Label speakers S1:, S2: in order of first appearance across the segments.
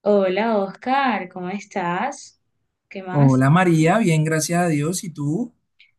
S1: Hola Oscar, ¿cómo estás? ¿Qué más?
S2: Hola María, bien, gracias a Dios. ¿Y tú?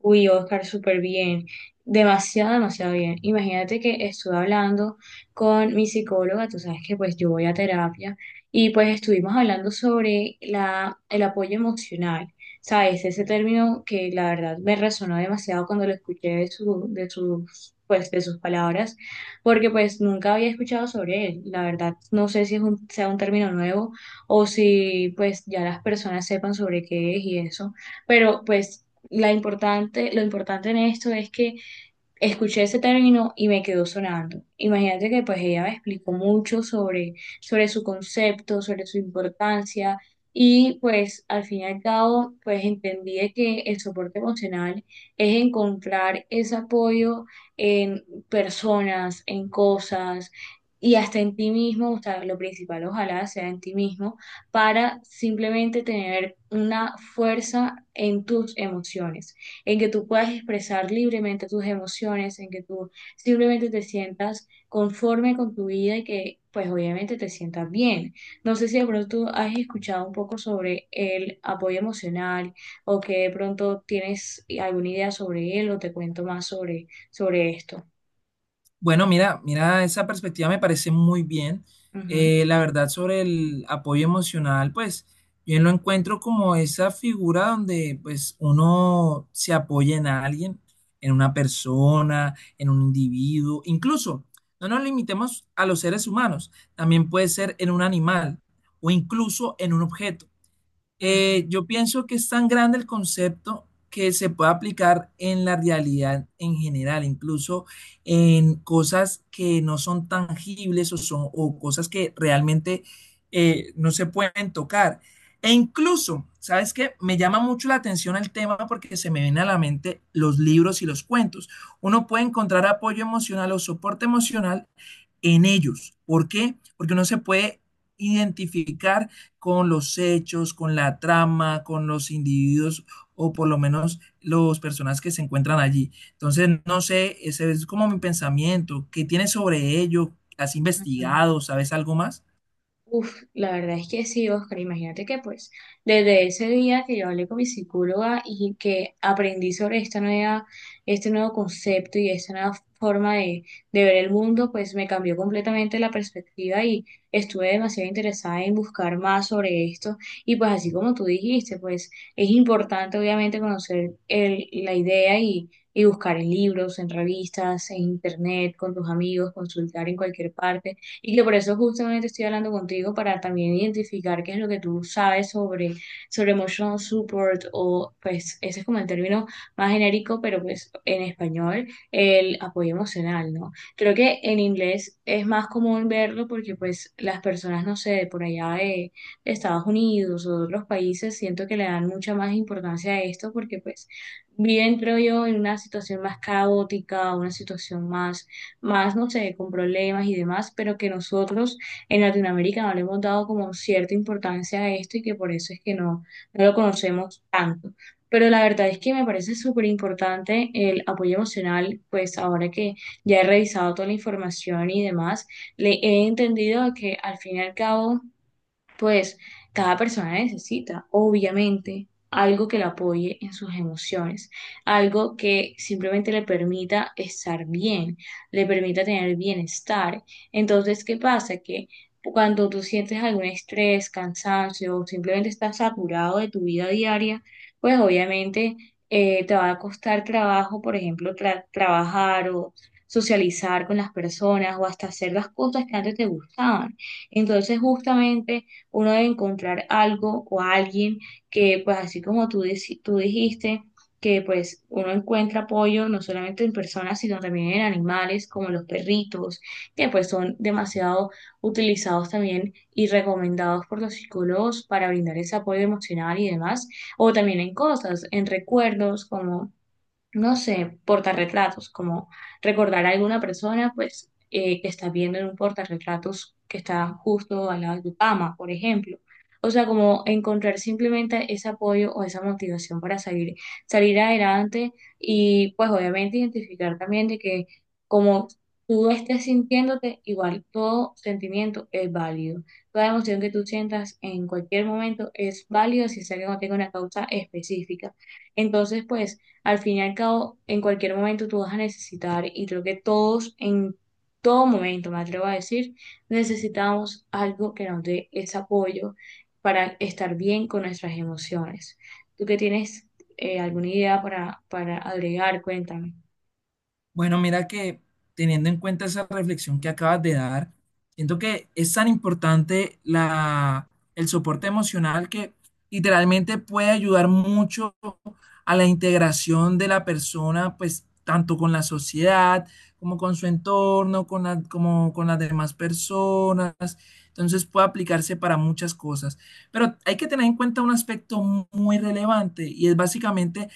S1: Uy, Oscar, súper bien. Demasiado, demasiado bien. Imagínate que estuve hablando con mi psicóloga, tú sabes que pues yo voy a terapia y pues estuvimos hablando sobre el apoyo emocional. ¿Sabes? Ese término que la verdad me resonó demasiado cuando lo escuché de su, de sus, pues, de sus palabras, porque pues nunca había escuchado sobre él. La verdad, no sé si es sea un término nuevo o si pues ya las personas sepan sobre qué es y eso. Pero pues lo importante en esto es que escuché ese término y me quedó sonando. Imagínate que pues ella me explicó mucho sobre su concepto, sobre su importancia y pues al fin y al cabo pues entendí de que el soporte emocional es encontrar ese apoyo en personas, en cosas y hasta en ti mismo, o sea, lo principal ojalá sea en ti mismo para simplemente tener una fuerza en tus emociones en que tú puedas expresar libremente tus emociones, en que tú simplemente te sientas conforme con tu vida y que pues obviamente te sientas bien. No sé si de pronto has escuchado un poco sobre el apoyo emocional o que de pronto tienes alguna idea sobre él o te cuento más sobre esto.
S2: Bueno, mira, mira, esa perspectiva me parece muy bien.
S1: Ujú,
S2: La verdad sobre el apoyo emocional, pues yo lo encuentro como esa figura donde pues uno se apoya en alguien, en una persona, en un individuo. Incluso, no nos limitemos a los seres humanos, también puede ser en un animal o incluso en un objeto.
S1: ujú,
S2: Yo pienso que es tan grande el concepto que se puede aplicar en la realidad en general, incluso en cosas que no son tangibles o cosas que realmente no se pueden tocar. E incluso, ¿sabes qué? Me llama mucho la atención el tema porque se me vienen a la mente los libros y los cuentos. Uno puede encontrar apoyo emocional o soporte emocional en ellos. ¿Por qué? Porque uno se puede identificar con los hechos, con la trama, con los individuos o por lo menos los personas que se encuentran allí. Entonces, no sé, ese es como mi pensamiento. ¿Qué tienes sobre ello? ¿Has
S1: ujú.
S2: investigado? ¿Sabes algo más?
S1: Uf, la verdad es que sí, Oscar. Imagínate que pues desde ese día que yo hablé con mi psicóloga y que aprendí sobre este nuevo concepto y esta nueva forma de ver el mundo, pues me cambió completamente la perspectiva y estuve demasiado interesada en buscar más sobre esto. Y pues así como tú dijiste, pues es importante obviamente conocer la idea y buscar en libros, en revistas, en internet, con tus amigos, consultar en cualquier parte y que por eso justamente estoy hablando contigo para también identificar qué es lo que tú sabes sobre emotional support o pues ese es como el término más genérico, pero pues en español, el apoyo emocional, ¿no? Creo que en inglés es más común verlo porque pues las personas, no sé, de por allá de Estados Unidos o de otros países, siento que le dan mucha más importancia a esto porque pues viven, creo yo, en una situación más caótica, una situación más, no sé, con problemas y demás, pero que nosotros en Latinoamérica no le hemos dado como cierta importancia a esto y que por eso es que no lo conocemos tanto. Pero la verdad es que me parece súper importante el apoyo emocional, pues ahora que ya he revisado toda la información y demás, le he entendido que al fin y al cabo pues cada persona necesita, obviamente, algo que la apoye en sus emociones, algo que simplemente le permita estar bien, le permita tener bienestar. Entonces, ¿qué pasa? Que cuando tú sientes algún estrés, cansancio o simplemente estás saturado de tu vida diaria, pues obviamente te va a costar trabajo, por ejemplo, trabajar o socializar con las personas o hasta hacer las cosas que antes te gustaban. Entonces, justamente uno debe encontrar algo o alguien que, pues así como tú, tú dijiste, que pues uno encuentra apoyo no solamente en personas, sino también en animales como los perritos, que pues son demasiado utilizados también y recomendados por los psicólogos para brindar ese apoyo emocional y demás, o también en cosas, en recuerdos como no sé, portarretratos, como recordar a alguna persona, pues que estás viendo en un portarretratos que está justo al lado de tu cama, por ejemplo. O sea, como encontrar simplemente ese apoyo o esa motivación para salir adelante y pues obviamente identificar también de que como tú estés sintiéndote, igual todo sentimiento es válido. Toda emoción que tú sientas en cualquier momento es válida si es que no tenga una causa específica. Entonces, pues al fin y al cabo, en cualquier momento tú vas a necesitar, y creo que todos en todo momento, me atrevo a decir, necesitamos algo que nos dé ese apoyo para estar bien con nuestras emociones. ¿Tú que tienes alguna idea para agregar? Cuéntame.
S2: Bueno, mira que teniendo en cuenta esa reflexión que acabas de dar, siento que es tan importante el soporte emocional que literalmente puede ayudar mucho a la integración de la persona, pues tanto con la sociedad como con su entorno, con como con las demás personas. Entonces puede aplicarse para muchas cosas. Pero hay que tener en cuenta un aspecto muy relevante y es básicamente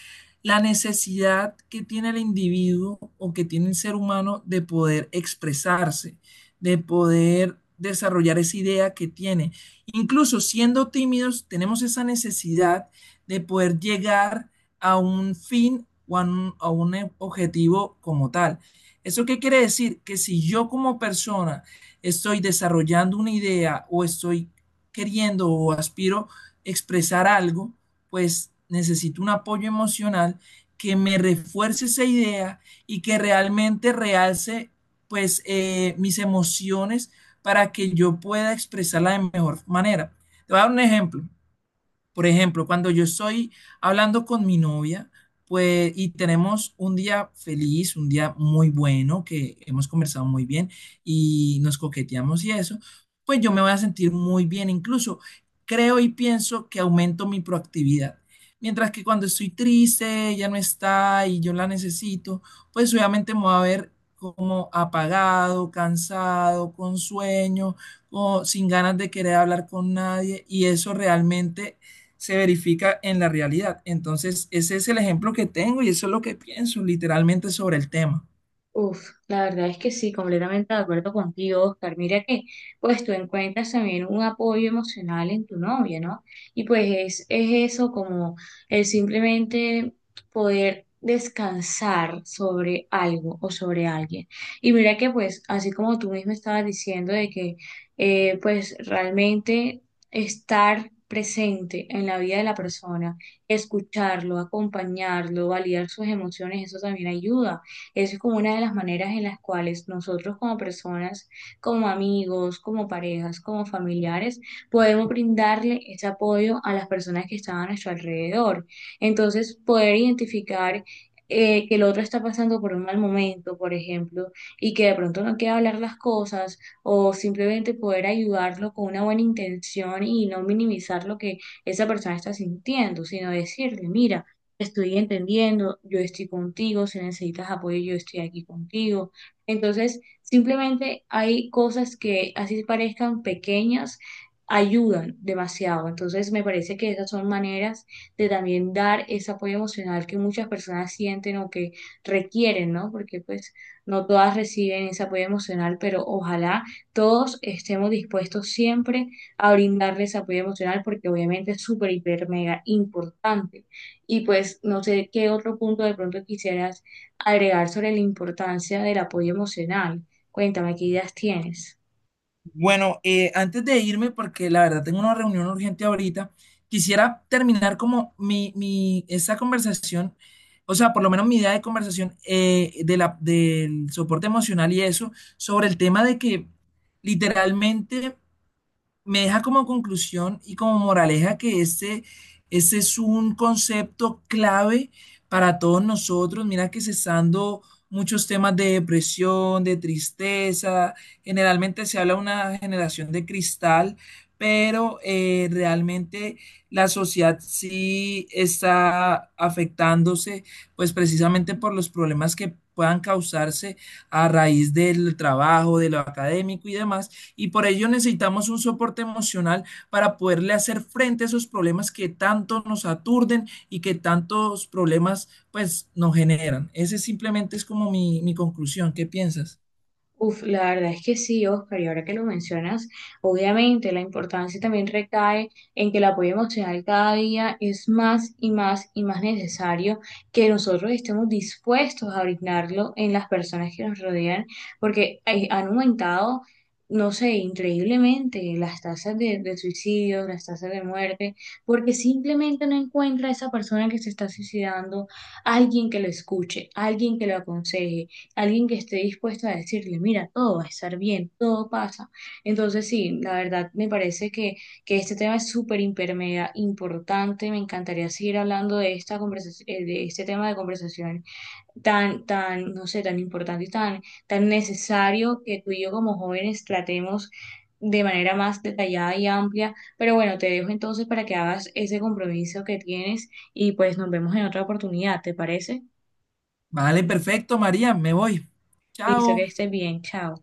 S2: la necesidad que tiene el individuo o que tiene el ser humano de poder expresarse, de poder desarrollar esa idea que tiene. Incluso siendo tímidos, tenemos esa necesidad de poder llegar a un fin o a a un objetivo como tal. ¿Eso qué quiere decir? Que si yo como persona estoy desarrollando una idea o estoy queriendo o aspiro expresar algo, pues necesito un apoyo emocional que me refuerce esa idea y que realmente realce pues mis emociones para que yo pueda expresarla de mejor manera. Te voy a dar un ejemplo. Por ejemplo, cuando yo estoy hablando con mi novia, pues, y tenemos un día feliz, un día muy bueno, que hemos conversado muy bien y nos coqueteamos y eso, pues yo me voy a sentir muy bien. Incluso creo y pienso que aumento mi proactividad. Mientras que cuando estoy triste, ella no está y yo la necesito, pues obviamente me voy a ver como apagado, cansado, con sueño, o sin ganas de querer hablar con nadie y eso realmente se verifica en la realidad. Entonces, ese es el ejemplo que tengo y eso es lo que pienso literalmente sobre el tema.
S1: Uf, la verdad es que sí, completamente de acuerdo contigo, Oscar. Mira que, pues tú encuentras también un apoyo emocional en tu novia, ¿no? Y pues es eso como el simplemente poder descansar sobre algo o sobre alguien. Y mira que, pues, así como tú mismo estabas diciendo de que, pues, realmente estar presente en la vida de la persona, escucharlo, acompañarlo, validar sus emociones, eso también ayuda eso es como una de las maneras en las cuales nosotros como personas, como amigos, como parejas, como familiares, podemos brindarle ese apoyo a las personas que están a nuestro alrededor. Entonces, poder identificar que el otro está pasando por un mal momento, por ejemplo, y que de pronto no quiere hablar las cosas, o simplemente poder ayudarlo con una buena intención y no minimizar lo que esa persona está sintiendo, sino decirle, mira, estoy entendiendo, yo estoy contigo, si necesitas apoyo, yo estoy aquí contigo. Entonces, simplemente hay cosas que así parezcan pequeñas, ayudan demasiado. Entonces, me parece que esas son maneras de también dar ese apoyo emocional que muchas personas sienten o que requieren, ¿no? Porque pues no todas reciben ese apoyo emocional, pero ojalá todos estemos dispuestos siempre a brindarles apoyo emocional porque obviamente es súper, hiper, mega importante. Y pues no sé qué otro punto de pronto quisieras agregar sobre la importancia del apoyo emocional. Cuéntame, ¿qué ideas tienes?
S2: Bueno, antes de irme, porque la verdad tengo una reunión urgente ahorita, quisiera terminar como mi esta conversación, o sea, por lo menos mi idea de conversación de del soporte emocional y eso, sobre el tema de que literalmente me deja como conclusión y como moraleja que ese es un concepto clave para todos nosotros. Mira que cesando muchos temas de depresión, de tristeza, generalmente se habla de una generación de cristal, pero realmente la sociedad sí está afectándose, pues precisamente por los problemas que puedan causarse a raíz del trabajo, de lo académico y demás. Y por ello necesitamos un soporte emocional para poderle hacer frente a esos problemas que tanto nos aturden y que tantos problemas pues nos generan. Ese simplemente es como mi conclusión. ¿Qué piensas?
S1: Uf, la verdad es que sí, Oscar, y ahora que lo mencionas, obviamente la importancia también recae en que el apoyo emocional cada día es más y más y más necesario que nosotros estemos dispuestos a brindarlo en las personas que nos rodean, porque han aumentado, no sé, increíblemente las tasas de suicidio, las tasas de muerte, porque simplemente no encuentra a esa persona que se está suicidando, alguien que lo escuche, alguien que lo aconseje alguien que esté dispuesto a decirle, mira, todo va a estar bien, todo pasa. Entonces, sí, la verdad me parece que este tema es súper hiper, mega importante. Me encantaría seguir hablando de esta conversación, de este tema de conversación tan, tan, no sé, tan importante y tan, tan necesario que tú y yo como jóvenes tratemos de manera más detallada y amplia. Pero bueno, te dejo entonces para que hagas ese compromiso que tienes y pues nos vemos en otra oportunidad, ¿te parece?
S2: Vale, perfecto, María, me voy.
S1: Listo, que
S2: Chao.
S1: estés bien, chao.